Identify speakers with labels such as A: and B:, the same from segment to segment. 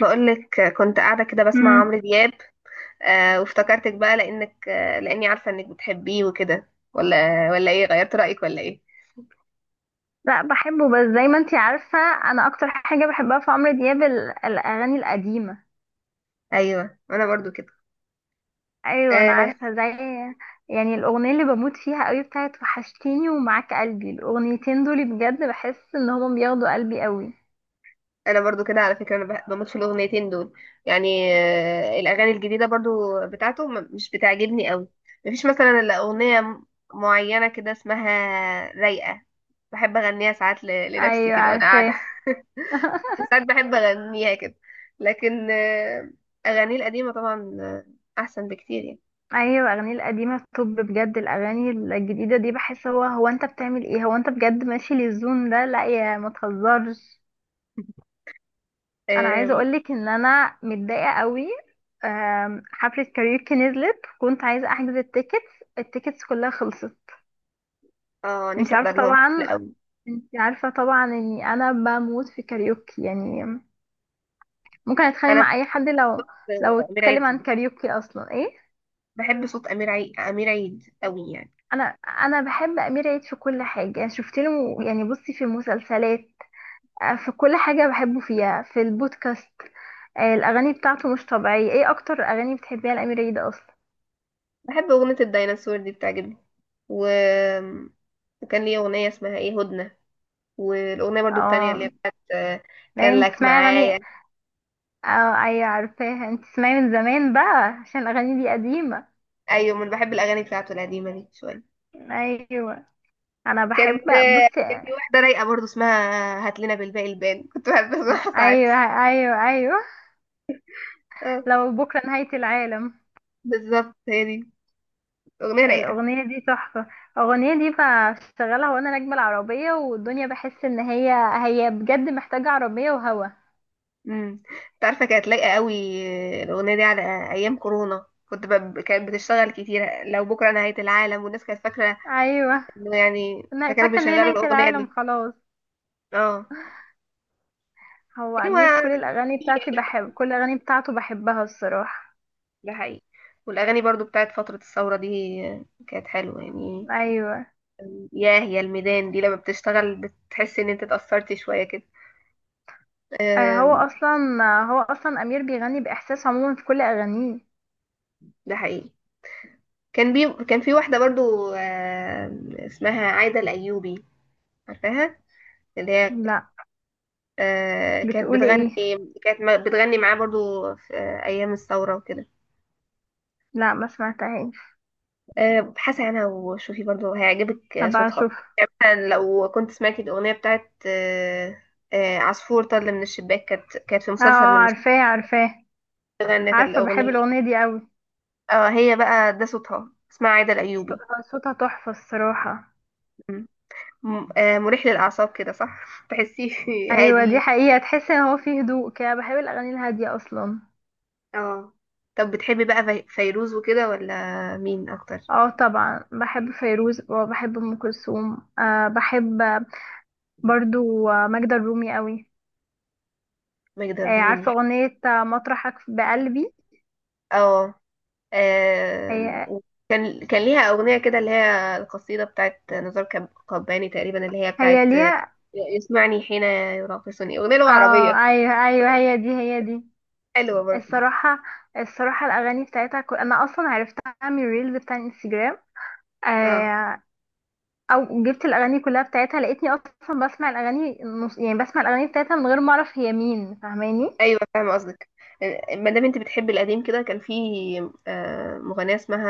A: بقولك كنت قاعدة كده بسمع
B: مم.
A: عمرو دياب. وافتكرتك بقى لأنك آه لأني عارفة إنك بتحبيه وكده، ولا إيه، غيرت رأيك ولا إيه؟
B: لا بحبه، بس زي ما انتي عارفة، انا اكتر حاجة بحبها في عمرو دياب الاغاني القديمة.
A: أيوه، أنا برضو كده.
B: ايوه انا
A: آه
B: عارفة. زي يعني الاغنية اللي بموت فيها قوي بتاعت وحشتيني ومعاك قلبي، الاغنيتين دول بجد بحس ان هما بياخدوا قلبي قوي.
A: أنا برضو كده على فكرة، أنا بموت في الأغنيتين دول. يعني الأغاني الجديدة برضو بتاعته مش بتعجبني قوي. مفيش مثلا إلا أغنية معينة كده اسمها رايقة، بحب أغنيها ساعات لنفسي
B: ايوه
A: كده وأنا قاعدة.
B: عارفاه.
A: ساعات بحب اغنيها كده، لكن اغانيه القديمه طبعا احسن بكتير يعني.
B: ايوه، الاغاني القديمة. طب بجد الاغاني الجديدة دي بحس هو انت بتعمل ايه؟ هو انت بجد ماشي للزون ده؟ لا يا، ما تهزرش. انا عايزه
A: اه.
B: اقولك ان انا متضايقه قوي. حفله كاريوكي نزلت، كنت عايزه احجز التيكتس، التيكتس كلها خلصت. انت
A: نفسي
B: عارفه
A: احضر لهم حفله
B: طبعا
A: قوي.
B: انت عارفه طبعا اني انا بموت في كاريوكي يعني، ممكن اتخانق
A: انا بحب
B: مع اي حد لو
A: صوت
B: لو
A: امير عيد
B: اتكلم عن
A: قوي،
B: كاريوكي اصلا. ايه،
A: بحب صوت امير عيد، امير عيد قوي يعني.
B: انا بحب امير عيد في كل حاجه يعني. شفت له يعني، بصي، في المسلسلات، في كل حاجه بحبه فيها، في البودكاست. الاغاني بتاعته مش طبيعيه. ايه اكتر اغاني بتحبيها لامير عيد اصلا؟
A: بحب اغنيه الديناصور دي بتعجبني، و... وكان ليه اغنيه اسمها ايه، هدنه. والاغنيه برضو التانية اللي هي
B: اه.
A: بتاعت كان
B: دايما
A: لك
B: بتسمعي اغاني.
A: معايا.
B: اه ايوه عارفاها، انت تسمعي من زمان بقى عشان الاغاني دي قديمة.
A: ايوه، من بحب الاغاني بتاعته القديمه دي شويه.
B: ايوه، انا بحب. بصي،
A: كان في واحده رايقه برضو اسمها هات لنا بالباقي البان، كنت بحب اسمعها ساعات.
B: ايوه ايوه ايوه،
A: آه.
B: لو بكره نهاية العالم.
A: بالظبط هي دي، اغنيه رايقه.
B: الاغنية دي تحفة. الاغنية دي بشغلها وانا راكبة العربية والدنيا، بحس ان هي بجد محتاجة عربية وهوا.
A: امم. انت عارفه كانت لايقه قوي الاغنيه دي على ايام كورونا، كانت بتشتغل كتير لو بكره نهايه العالم، والناس كانت فاكره
B: ايوه،
A: انه يعني،
B: انا
A: فكانوا
B: فاكرة ان هي
A: بيشغلوا
B: نهاية
A: الاغنيه
B: العالم
A: دي.
B: خلاص.
A: اه،
B: هو
A: يعني
B: امير كل
A: هو،
B: الاغاني بتاعتي، بحب كل الاغاني بتاعته بحبها الصراحة.
A: ده حقيقي. والاغاني برضو بتاعت فتره الثوره دي كانت حلوه يعني.
B: ايوه.
A: ياه، يا الميدان دي لما بتشتغل بتحس ان انت اتأثرت شوية كده.
B: آه، هو
A: آم،
B: اصلا هو اصلا امير بيغني باحساس عموما في كل اغانيه.
A: ده حقيقي. كان في واحدة برضو اسمها عايدة الأيوبي، عارفاها؟ اللي هي
B: لا.
A: كانت
B: بتقولي
A: بتغني،
B: ايه؟
A: كانت بتغني معاه برضو في أيام الثورة وكده.
B: لا، ما سمعتهاش.
A: آه، ابحثي عنها وشوفي برضو هيعجبك
B: هبقى
A: صوتها.
B: اشوف.
A: يعني مثلا لو كنت سمعتي الأغنية بتاعت عصفور طل من الشباك، كانت في
B: اه.
A: مسلسل من المسلسلات
B: عارفاه عارفاه.
A: غنت
B: عارفه، بحب
A: الأغنية.
B: الاغنيه دي قوي.
A: اه، هي بقى، ده صوتها، اسمها عايدة الأيوبي.
B: صوتها تحفه الصراحه.
A: م- مريح للأعصاب كده صح؟ تحسيه
B: ايوه دي
A: هادي.
B: حقيقه، تحس ان هو فيه هدوء كده. بحب الاغاني الهاديه اصلا.
A: اه، طب بتحبي بقى فيروز وكده، ولا مين أكتر؟
B: اه طبعا بحب فيروز وبحب ام كلثوم. بحب برضو ماجدة الرومي قوي.
A: ماجدة الرومي،
B: عارفه اغنيه مطرحك بقلبي.
A: اه.
B: هي
A: وكان ليها أغنية كده اللي هي القصيدة بتاعت نزار قباني تقريبا، اللي هي
B: هي
A: بتاعت
B: ليها.
A: يسمعني حين يراقصني، أغنية لغة
B: اه
A: عربية،
B: ايوه ايوه، هي دي هي دي.
A: حلوة برضو.
B: الصراحه الصراحه الاغاني بتاعتها كل، انا اصلا عرفتها من الريلز بتاع الانستجرام.
A: اه،
B: آه... او جبت الاغاني كلها بتاعتها، لقيتني اصلا بسمع الاغاني يعني بسمع الاغاني بتاعتها من غير ما اعرف هي مين، فاهماني.
A: أيوة فاهمة قصدك. ما دام انت بتحبي القديم كده، كان في مغنية اسمها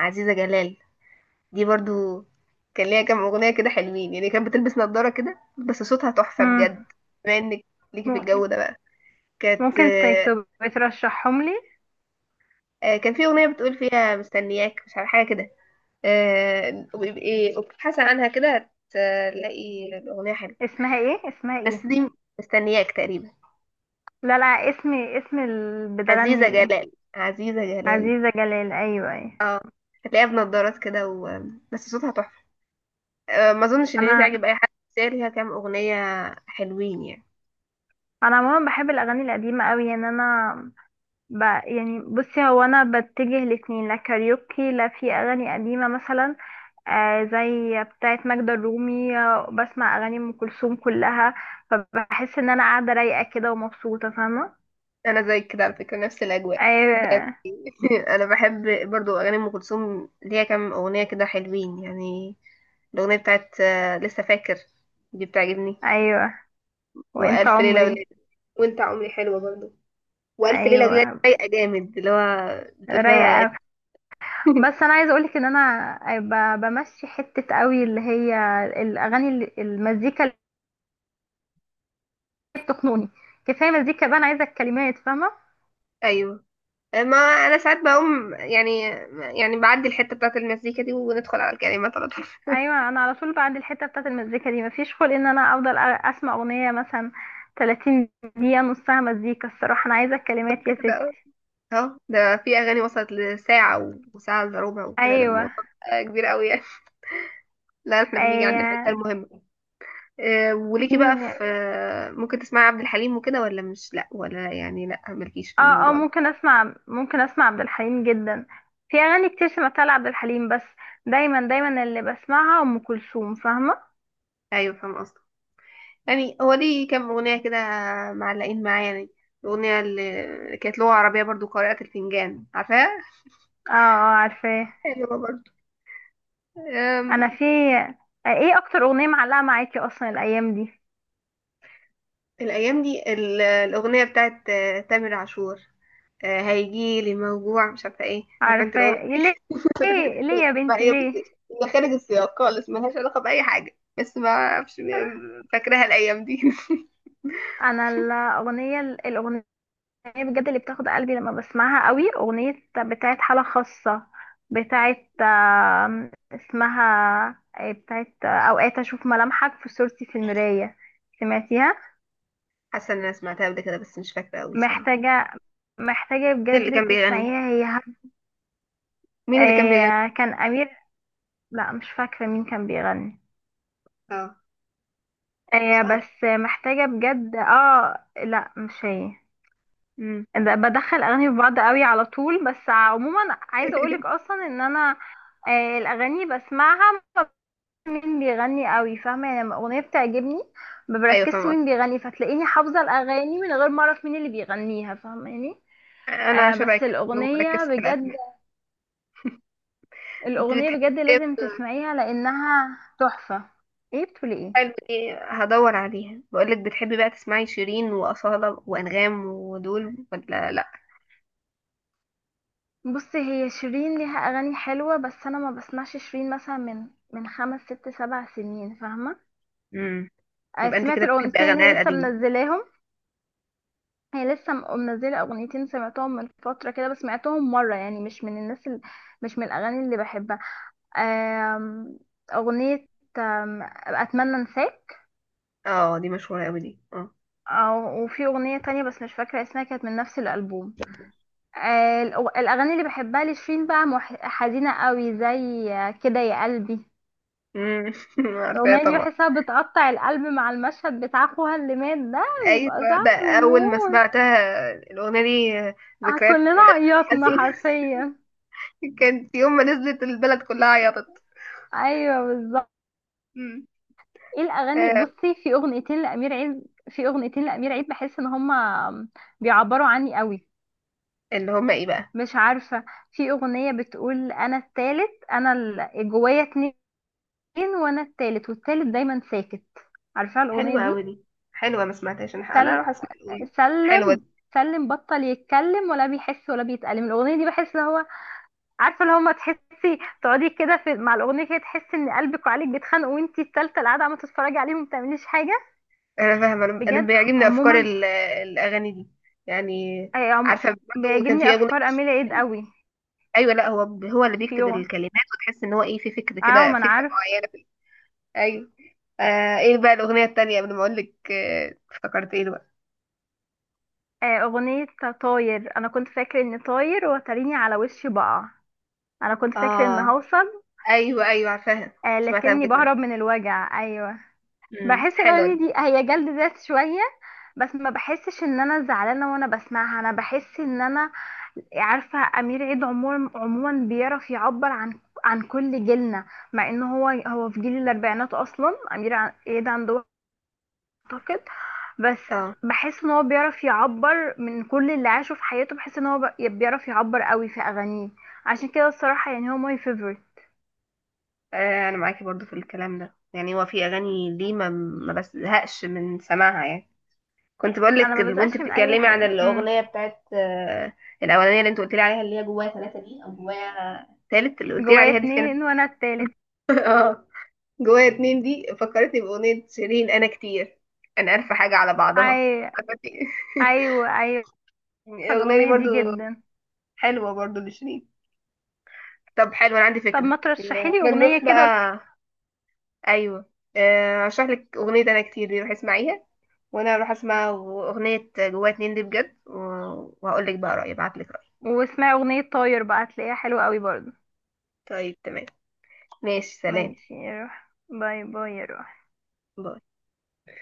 A: عزيزة جلال. دي برضو كان ليها كام أغنية كده حلوين يعني، كانت بتلبس نظارة كده بس صوتها تحفة
B: امم.
A: بجد. بما انك ليكي في
B: م-
A: الجو ده بقى، كانت
B: ممكن
A: آه،
B: تبقى ترشحهم لي.
A: آه، كان في أغنية بتقول فيها مستنياك، مش عارفة حاجة كده. وابقي وابحثي عنها كده هتلاقي الأغنية حلوة.
B: اسمها ايه؟ اسمها ايه؟
A: بس دي مستنياك تقريبا.
B: لا لا، اسم اللي بتغني
A: عزيزة
B: ايه؟
A: جلال، عزيزة جلال.
B: عزيزه جلال. ايوه ايوه.
A: اه، هتلاقيها بنضارات كده و... بس صوتها تحفة. ما اظنش ان دي
B: انا
A: تعجب اي حد، بس هي ليها كام أغنية حلوين يعني.
B: انا عموما بحب الاغاني القديمه قوي يعني. انا، يعني بصي، هو انا بتجه الاتنين، لا كاريوكي لا. في اغاني قديمه مثلا، زي بتاعه ماجدة الرومي، بسمع اغاني ام كلثوم كلها، فبحس ان انا قاعده رايقه كده ومبسوطه، فاهمه.
A: انا زي كده على فكرة، نفس الاجواء يعني.
B: ايوه.
A: انا بحب برضو اغاني ام كلثوم، ليها كام أغنية كده حلوين يعني. الأغنية بتاعت لسه فاكر دي بتعجبني،
B: ايوه وانت
A: وألف ليلة
B: عمري.
A: وليلة، وأنت عمري حلوة برضو، والف
B: ايوه،
A: ليله وليله رايقه جامد اللي هو بتقول
B: رايقه
A: فيها.
B: أوي. بس انا عايزه اقولك ان انا بمشي حته قوي، اللي هي الاغاني المزيكا اللي بتخنقني. كفايه مزيكا بقى، انا عايزه الكلمات، فاهمه.
A: ايوه، ما انا ساعات بقوم يعني، يعني بعدي الحته بتاعت المزيكا دي وندخل على الكلمات على طول.
B: ايوه. انا على طول بعد الحته بتاعت المزيكا دي مفيش خلق ان انا افضل اسمع اغنيه مثلا 30 دقيقه نصها مزيكا. الصراحه انا عايزه الكلمات يا ستي.
A: كده، اهو ده في اغاني وصلت لساعه وساعه الا ربع وكده، ده
B: ايوه
A: الموضوع بقى كبير قوي يعني. لا، احنا بنيجي عند الحته
B: ايوه.
A: المهمه. وليكي بقى
B: في،
A: في ممكن تسمعي عبد الحليم وكده، ولا مش لا ولا يعني، لا مالكيش في
B: اه اه،
A: الموضوع ده؟
B: ممكن اسمع عبد الحليم جدا. في اغاني كتير سمعتها لعبد الحليم، بس دايما دايما اللي بسمعها ام كلثوم، فاهمه.
A: ايوه فاهم قصدي. يعني هو ليه كام أغنية كده معلقين معايا يعني، الأغنية اللي كانت لغة عربية برضو، قارئة الفنجان، عارفاها؟
B: اه اه عارفاه.
A: حلوة برضو.
B: انا
A: أم،
B: في. ايه اكتر اغنيه معلقه معاكي اصلا الايام دي؟
A: الأيام دي الأغنية بتاعت تامر عاشور، هيجيلي موجوع، مش عارفة ايه، عارفة انت الأغنية؟
B: عارفاه. ليه ليه ليه يا
A: بقى
B: بنتي
A: ايه،
B: ليه؟
A: بصي، هي خارج السياق خالص، ملهاش علاقة بأي حاجة، بس ما أعرفش. فاكراها الأيام دي.
B: انا الاغنيه بجد اللي بتاخد قلبي لما بسمعها قوي، اغنيه بتاعت حاله خاصه، بتاعت اسمها إيه، بتاعت اوقات اشوف ملامحك في صورتي في المرايه. سمعتيها؟
A: حاسة إن أنا سمعتها قبل كده بس مش فاكرة أوي بصراحة.
B: محتاجه، محتاجه
A: مين اللي
B: بجد
A: كان بيغني؟
B: تسمعيها، هي
A: مين اللي كان بيغني؟
B: كان امير. لا مش فاكره مين كان بيغني.
A: اه. مش عارفة.
B: بس محتاجه بجد. اه لا مش هي.
A: أمم.
B: بدخل اغاني في بعض قوي على طول. بس عموما عايزه اقولك اصلا ان انا، الاغاني بسمعها ما بعرفش مين بيغني قوي، فاهمه يعني، لما اغنيه بتعجبني ما
A: ايوه
B: بركزش
A: فاهمة.
B: مين بيغني، فتلاقيني حافظه الاغاني من غير ما اعرف مين اللي بيغنيها، فاهماني.
A: انا شبه
B: بس
A: كده مركز
B: الاغنيه
A: في
B: بجد،
A: الاسماء. انت
B: الاغنيه
A: بتحبي
B: بجد
A: ايه؟
B: لازم تسمعيها لانها تحفه. ايه بتقولي ايه؟
A: حلو دي، هدور عليها. بقولك، بتحبي بقى تسمعي شيرين واصاله وانغام ودول، ولا لا؟
B: بصي، هي شيرين ليها اغاني حلوه، بس انا ما بسمعش شيرين مثلا من خمس ست سبع سنين، فاهمه.
A: امم. يبقى انت
B: سمعت
A: كده بتحبي
B: الاغنيتين اللي
A: اغانيها
B: هي لسه
A: القديمه.
B: منزلاهم. هي لسه منزله اغنيتين، سمعتهم من فتره كده، بس سمعتهم مره يعني، مش من الناس اللي، مش من الاغاني اللي بحبها. آم، اغنيه اتمنى انساك.
A: اه دي مشهوره قوي دي، اه.
B: وفي اغنيه تانية بس مش فاكره اسمها، كانت من نفس الالبوم. الاغاني اللي بحبها لشيرين بقى حزينه قوي، زي كده يا قلبي.
A: امم. عارفاها
B: الاغنيه دي
A: طبعا.
B: بحسها بتقطع القلب، مع المشهد بتاع اخوها اللي مات ده
A: ايوه.
B: بيبقى
A: ده
B: صعب
A: اول ما
B: موت.
A: سمعتها الاغنيه دي، ذكريات،
B: كلنا عيطنا
A: حزينه.
B: حرفيا.
A: كانت يوم ما نزلت البلد كلها عيطت.
B: ايوه بالظبط.
A: امم.
B: ايه الاغاني؟
A: آه،
B: بصي، في اغنيتين لامير عيد بحس ان هما بيعبروا عني قوي.
A: اللي هما ايه بقى؟
B: مش عارفه. في اغنيه بتقول: انا التالت، انا جوايا اتنين وانا التالت، والتالت دايما ساكت. عارفه الاغنيه
A: حلوه قوي
B: دي؟
A: دي. حلوه، ما سمعتهاش، انا
B: سل...
A: هروح اسمع الاغنيه. حلوه.
B: سلم سلم بطل يتكلم ولا بيحس ولا بيتألم. الاغنيه دي بحس ان هو، عارفه، اللي هما تحسي تقعدي كده في مع الاغنيه كده، تحسي ان قلبك وعقلك بيتخانقوا وانتي التالتة اللي قاعده عم تتفرجي عليهم ما بتعمليش حاجه.
A: انا فاهمه، انا أنا
B: بجد
A: بيعجبني افكار
B: عموما.
A: الاغاني دي يعني.
B: آه عم...
A: عارفه برضه كان
B: بيعجبني
A: في اغنيه
B: افكار اميله عيد
A: لشيرين.
B: قوي.
A: ايوه، لا هو، هو اللي
B: في
A: بيكتب
B: يوم،
A: الكلمات، وتحس ان هو ايه، في فكر
B: اه
A: كده،
B: ما انا
A: فكره
B: عارف،
A: معينه في. ايوه. آه، ايه بقى الاغنيه التانيه، قبل ما اقول لك افتكرت ايه بقى.
B: اغنيه طاير. انا كنت فاكره اني طاير وتريني على وشي بقع، انا كنت فاكره ان
A: اه،
B: هوصل،
A: ايوه ايوه عارفاها. سمعتها
B: لكني
A: قبل كده.
B: بهرب من الوجع. ايوه
A: امم،
B: بحس
A: حلوه
B: الاغاني
A: دي.
B: دي هي جلد ذات شويه، بس ما بحسش ان انا زعلانه وانا بسمعها. انا بحس ان انا، عارفه، امير عيد عموما بيعرف يعبر عن كل جيلنا، مع ان هو في جيل الاربعينات اصلا، امير عيد عنده، اعتقد. بس
A: اه.
B: بحس ان هو بيعرف يعبر من كل اللي عاشه في حياته، بحس ان هو بيعرف يعبر قوي في اغانيه. عشان كده الصراحه، يعني هو ماي فيفورت.
A: انا معاكي برضو في الكلام ده، يعني هو في اغاني ليه ما بزهقش من سماعها يعني. كنت بقول لك
B: انا ما
A: وانت
B: بزقش من اي
A: بتتكلمي عن
B: حاجه. امم.
A: الاغنيه بتاعت الاولانيه اللي انت قلت لي عليها، اللي هي جوايا ثلاثه دي، او جوايا ثالث اللي قلت لي
B: جوايا
A: عليها دي، كانت.
B: اتنين وانا التالت.
A: اه. جوايا اتنين دي فكرتني باغنيه شيرين انا كتير، انا عارفه حاجه على بعضها،
B: أي-
A: فكرتني.
B: ايوه ايوه عارفه
A: الاغنيه دي
B: الاغنيه
A: برضو
B: دي جدا.
A: حلوه برضو لشيرين. طب حلو، انا عندي
B: طب
A: فكره.
B: ما ترشحي لي
A: احنا
B: اغنيه
A: نروح
B: كده.
A: بقى. ايوه. اشرح لك اغنيه انا كتير دي، روح اسمعيها، وانا اروح اسمع اغنيه جوايا اتنين دي بجد، وهقول لك بقى رايي، ابعت لك رايي.
B: واسمعي اغنيه طاير بقى، هتلاقيها حلوه قوي برضه.
A: طيب تمام، ماشي سلام.
B: ماشي يا روح، باي باي يا روح.
A: باي.